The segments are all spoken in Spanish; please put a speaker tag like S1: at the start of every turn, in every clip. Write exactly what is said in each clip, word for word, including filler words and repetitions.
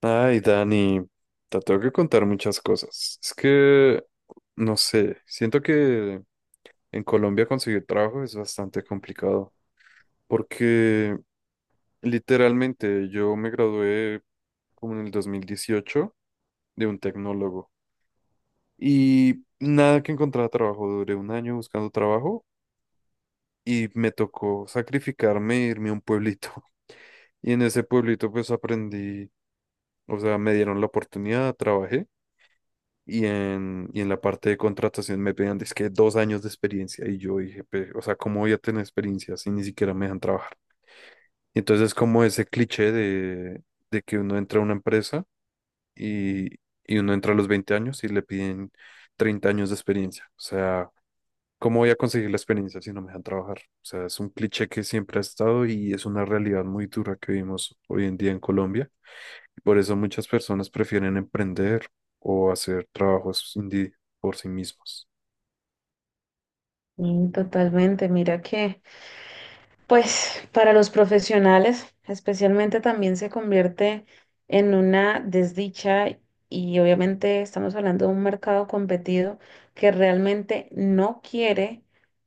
S1: Ay, Dani, te tengo que contar muchas cosas. Es que, no sé, siento que en Colombia conseguir trabajo es bastante complicado, porque literalmente yo me gradué como en el dos mil dieciocho de un tecnólogo y nada que encontraba trabajo, duré un año buscando trabajo y me tocó sacrificarme e irme a un pueblito. Y en ese pueblito pues aprendí, o sea, me dieron la oportunidad, trabajé. Y en, y en la parte de contratación me pedían, es que dos años de experiencia. Y yo dije, "Pe- o sea, ¿cómo voy a tener experiencia si ni siquiera me dejan trabajar?" Y entonces es como ese cliché de, de que uno entra a una empresa y, y uno entra a los veinte años y le piden treinta años de experiencia. O sea, ¿cómo voy a conseguir la experiencia si no me dejan trabajar? O sea, es un cliché que siempre ha estado y es una realidad muy dura que vivimos hoy en día en Colombia. Y por eso muchas personas prefieren emprender o hacer trabajos indie por sí mismos.
S2: Sí, totalmente. Mira que, pues, para los profesionales, especialmente también se convierte en una desdicha y obviamente estamos hablando de un mercado competido que realmente no quiere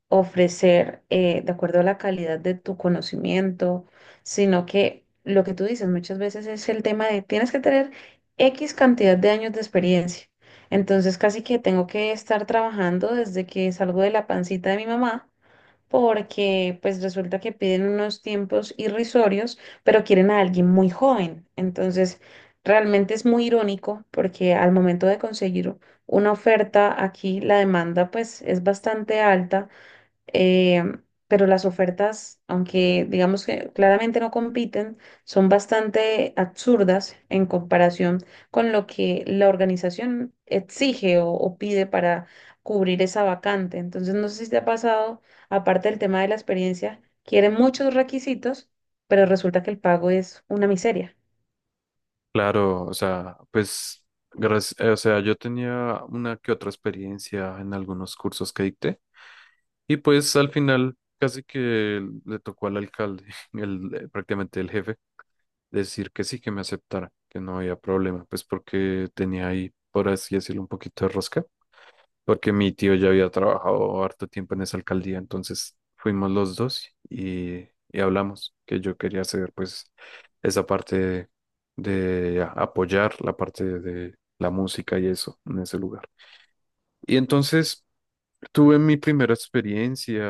S2: ofrecer, eh, de acuerdo a la calidad de tu conocimiento, sino que lo que tú dices muchas veces es el tema de tienes que tener X cantidad de años de experiencia. Entonces, casi que tengo que estar trabajando desde que salgo de la pancita de mi mamá porque pues resulta que piden unos tiempos irrisorios, pero quieren a alguien muy joven. Entonces, realmente es muy irónico porque al momento de conseguir una oferta aquí, la demanda pues es bastante alta, eh, pero las ofertas, aunque digamos que claramente no compiten, son bastante absurdas en comparación con lo que la organización exige o, o pide para cubrir esa vacante. Entonces, no sé si te ha pasado, aparte del tema de la experiencia, quieren muchos requisitos, pero resulta que el pago es una miseria.
S1: Claro, o sea, pues, gracias, o sea, yo tenía una que otra experiencia en algunos cursos que dicté y pues al final casi que le tocó al alcalde, el, prácticamente el jefe, decir que sí, que me aceptara, que no había problema, pues porque tenía ahí, por así decirlo, un poquito de rosca, porque mi tío ya había trabajado harto tiempo en esa alcaldía, entonces fuimos los dos y, y hablamos que yo quería hacer pues esa parte de, de a- apoyar la parte de la música y eso en ese lugar. Y entonces tuve mi primera experiencia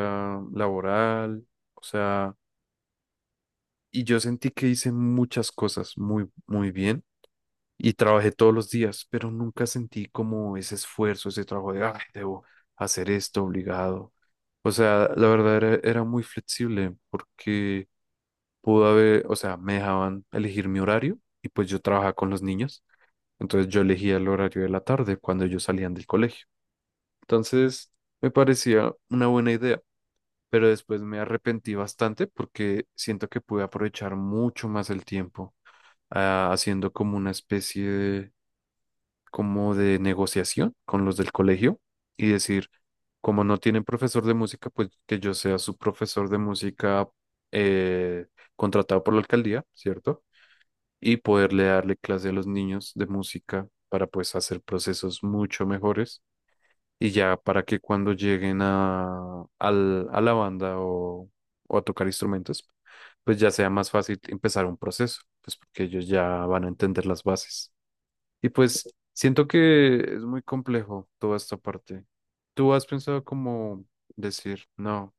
S1: laboral, o sea, y yo sentí que hice muchas cosas muy, muy bien y trabajé todos los días, pero nunca sentí como ese esfuerzo, ese trabajo de, ay, debo hacer esto obligado. O sea, la verdad era, era muy flexible porque pudo haber, o sea, me dejaban elegir mi horario y pues yo trabajaba con los niños, entonces yo elegía el horario de la tarde cuando ellos salían del colegio. Entonces, me parecía una buena idea, pero después me arrepentí bastante porque siento que pude aprovechar mucho más el tiempo, ah, haciendo como una especie de como de negociación con los del colegio y decir, como no tienen profesor de música, pues que yo sea su profesor de música, eh, contratado por la alcaldía, ¿cierto? Y poderle darle clase a los niños de música para pues hacer procesos mucho mejores y ya para que cuando lleguen a, al- a la banda o, o a tocar instrumentos, pues ya sea más fácil empezar un proceso, pues porque ellos ya van a entender las bases. Y pues siento que es muy complejo toda esta parte. ¿Tú has pensado como decir, no,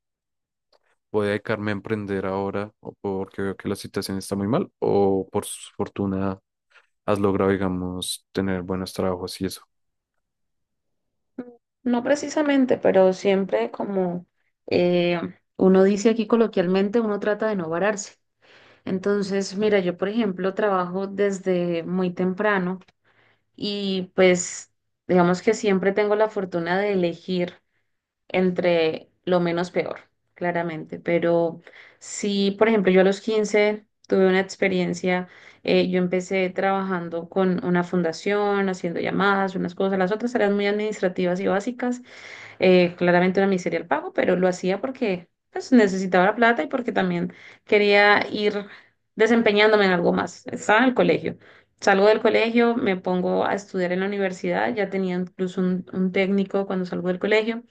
S1: voy a dedicarme a emprender ahora o porque veo que la situación está muy mal o por su fortuna has logrado, digamos, tener buenos trabajos y eso?
S2: No precisamente, pero siempre como eh, uno dice aquí coloquialmente, uno trata de no vararse. Entonces, mira, yo por ejemplo trabajo desde muy temprano y pues digamos que siempre tengo la fortuna de elegir entre lo menos peor, claramente. Pero sí, por ejemplo, yo a los quince tuve una experiencia, eh, yo empecé trabajando con una fundación, haciendo llamadas, unas cosas, las otras eran muy administrativas y básicas, eh, claramente una miseria el pago, pero lo hacía porque pues, necesitaba la plata y porque también quería ir desempeñándome en algo más. Estaba en el colegio. Salgo del colegio, me pongo a estudiar en la universidad, ya tenía incluso un, un técnico cuando salgo del colegio.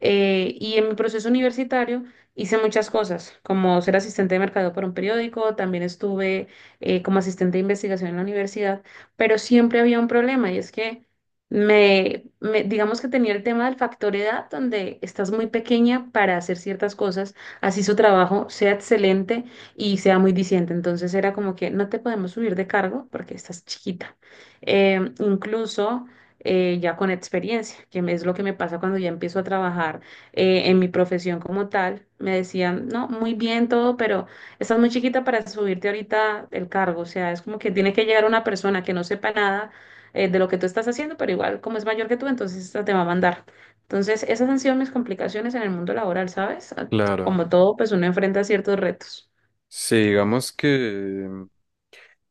S2: Eh, y en mi proceso universitario hice muchas cosas, como ser asistente de mercadeo para un periódico, también estuve, eh, como asistente de investigación en la universidad, pero siempre había un problema y es que me, me- digamos que tenía el tema del factor edad, donde estás muy pequeña para hacer ciertas cosas, así su trabajo sea excelente y sea muy diciente. Entonces era como que no te podemos subir de cargo porque estás chiquita. Em, incluso, eh, ya con experiencia, que me- es lo que me pasa cuando ya empiezo a trabajar, eh, en mi profesión como tal, me decían, no, muy bien todo, pero estás muy chiquita para subirte ahorita el cargo. O sea, es como que tiene que llegar una persona que no sepa nada, eh, de lo que tú estás haciendo, pero igual como es mayor que tú, entonces esta te va a mandar. Entonces, esas han sido mis complicaciones en el mundo laboral, ¿sabes? Ah,
S1: Claro.
S2: Como todo, pues uno enfrenta ciertos retos.
S1: Sí, digamos que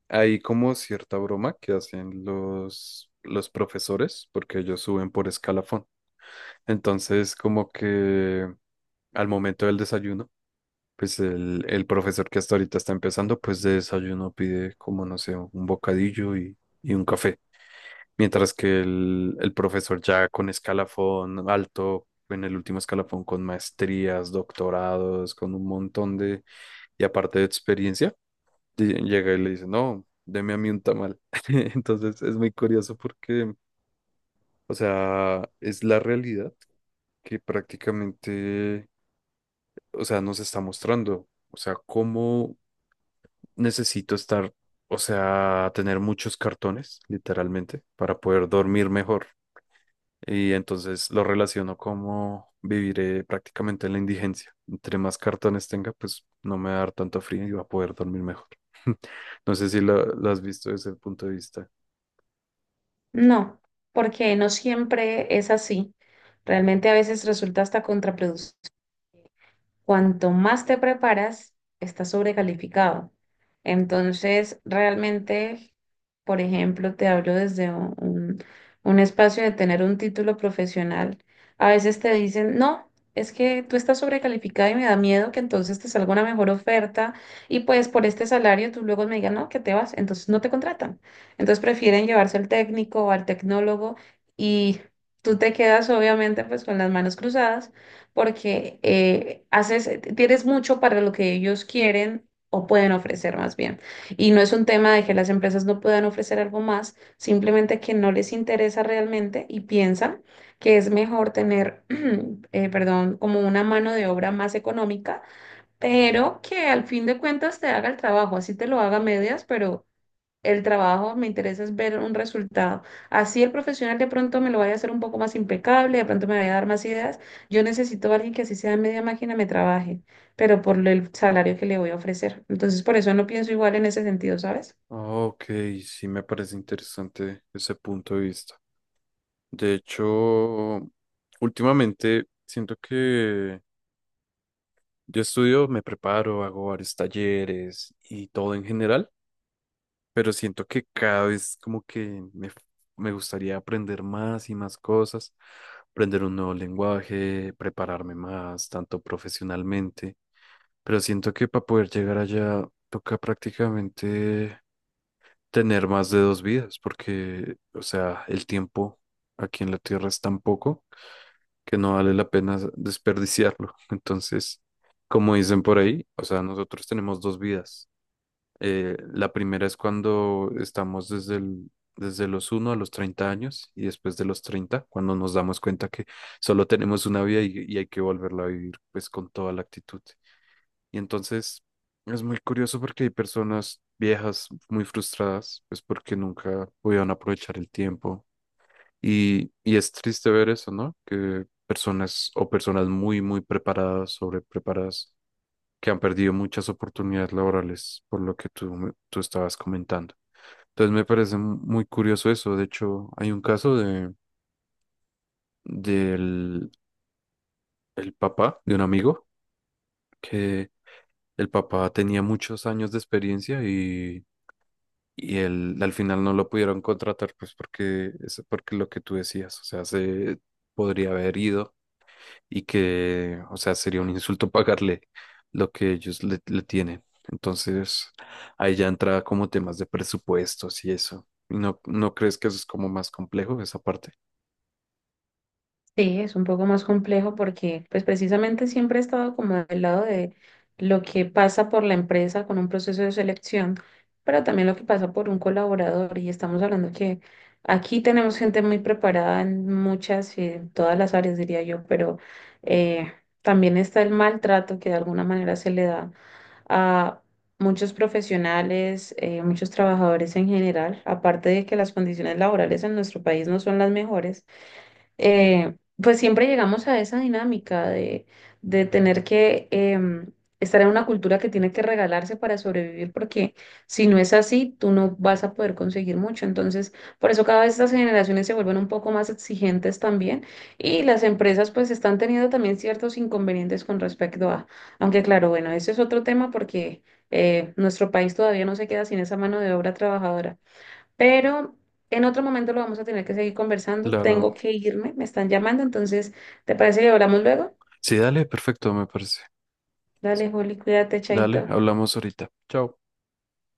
S1: hay como cierta broma que hacen los, los profesores porque ellos suben por escalafón. Entonces, como que al momento del desayuno, pues el, el profesor que hasta ahorita está empezando, pues de desayuno pide como, no sé, un bocadillo y, y un café. Mientras que el, el profesor ya con escalafón alto, en el último escalafón con maestrías, doctorados, con un montón de, y aparte de experiencia, di- llega y le dice, no, deme a mí un tamal. Entonces es muy curioso porque, o sea, es la realidad que prácticamente, o sea, nos está mostrando. O sea, cómo necesito estar, o sea, tener muchos cartones, literalmente, para poder dormir mejor. Y entonces lo relaciono como viviré prácticamente en la indigencia. Entre más cartones tenga, pues no me va a dar tanto frío y va a poder dormir mejor. No sé si lo, lo has visto desde el punto de vista.
S2: No, porque no siempre es así. Realmente a veces resulta hasta contraproducente. Cuanto más te preparas, estás sobrecalificado. Entonces, realmente, por ejemplo, te hablo desde un, un- un espacio de tener un título profesional. A veces te dicen, no, es que tú estás sobrecalificado y me da miedo que entonces te salga una mejor oferta y pues por este salario tú luego me digas, no, que te vas, entonces no te contratan. Entonces prefieren llevarse al técnico o al tecnólogo y tú te quedas obviamente pues con las manos cruzadas porque eh, haces, eh, tienes mucho para lo que ellos quieren o pueden ofrecer más bien. Y no es un tema de que las empresas no puedan ofrecer algo más, simplemente que no les interesa realmente y piensan que es mejor tener, eh, perdón, como una mano de obra más económica, pero que al fin de cuentas te haga el trabajo, así te lo haga a medias, pero el trabajo, me interesa es ver un resultado. Así el profesional de pronto me lo vaya a hacer un poco más impecable, de pronto me vaya a dar más ideas. Yo necesito a alguien que así sea media máquina me trabaje, pero por el salario que le voy a ofrecer. Entonces, por eso no pienso igual en ese sentido, ¿sabes?
S1: Ok, sí me parece interesante ese punto de vista. De hecho, últimamente siento que yo estudio, me preparo, hago varios talleres y todo en general, pero siento que cada vez como que me, me gustaría aprender más y más cosas, aprender un nuevo lenguaje, prepararme más, tanto profesionalmente, pero siento que para poder llegar allá toca prácticamente tener más de dos vidas, porque, o sea, el tiempo aquí en la Tierra es tan poco que no vale la pena desperdiciarlo. Entonces, como dicen por ahí, o sea, nosotros tenemos dos vidas. Eh, la primera es cuando estamos desde el- desde los uno a los treinta años y después de los treinta, cuando nos damos cuenta que solo tenemos una vida y, y hay que volverla a vivir pues con toda la actitud. Y entonces es muy curioso porque hay personas viejas muy frustradas pues porque nunca pudieron aprovechar el tiempo y, y es triste ver eso, ¿no? Que personas o personas muy, muy preparadas, sobrepreparadas, que han perdido muchas oportunidades laborales por lo que tú, me- tú estabas comentando. Entonces me parece mu- muy curioso eso. De hecho, hay un caso de, del el papá de un amigo que el papá tenía muchos años de experiencia y, y él, al final no lo pudieron contratar, pues porque, es porque lo que tú decías, o sea, se podría haber ido y que, o sea, sería un insulto pagarle lo que ellos le, le tienen. Entonces, ahí ya entra como temas de presupuestos y eso. ¿Y no, no crees que eso es como más complejo, esa parte?
S2: Sí, es un poco más complejo porque pues precisamente siempre he estado como del lado de lo que pasa por la empresa con un proceso de selección, pero también lo que pasa por un colaborador y estamos hablando que aquí tenemos gente muy preparada en muchas y en todas las áreas, diría yo, pero eh, también está el maltrato que de alguna manera se le da a muchos profesionales, eh, muchos trabajadores en general, aparte de que las condiciones laborales en nuestro país no son las mejores, eh, pues siempre llegamos a esa dinámica de, de tener que em, estar en una cultura que tiene que regalarse para sobrevivir, porque si no es así, tú no vas a poder conseguir mucho. Entonces, por eso cada vez estas generaciones se vuelven un poco más exigentes también y las empresas pues están teniendo también ciertos inconvenientes con respecto a, aunque claro, bueno, ese es otro tema porque eh, nuestro país todavía no se queda sin esa mano de obra trabajadora. Pero en otro momento lo vamos a tener que seguir conversando.
S1: Claro.
S2: Tengo que irme, me están llamando, entonces, ¿te parece que hablamos luego?
S1: Sí, dale, perfecto, me parece.
S2: Dale, Juli, cuídate,
S1: Dale,
S2: chaito.
S1: hablamos ahorita. Chao.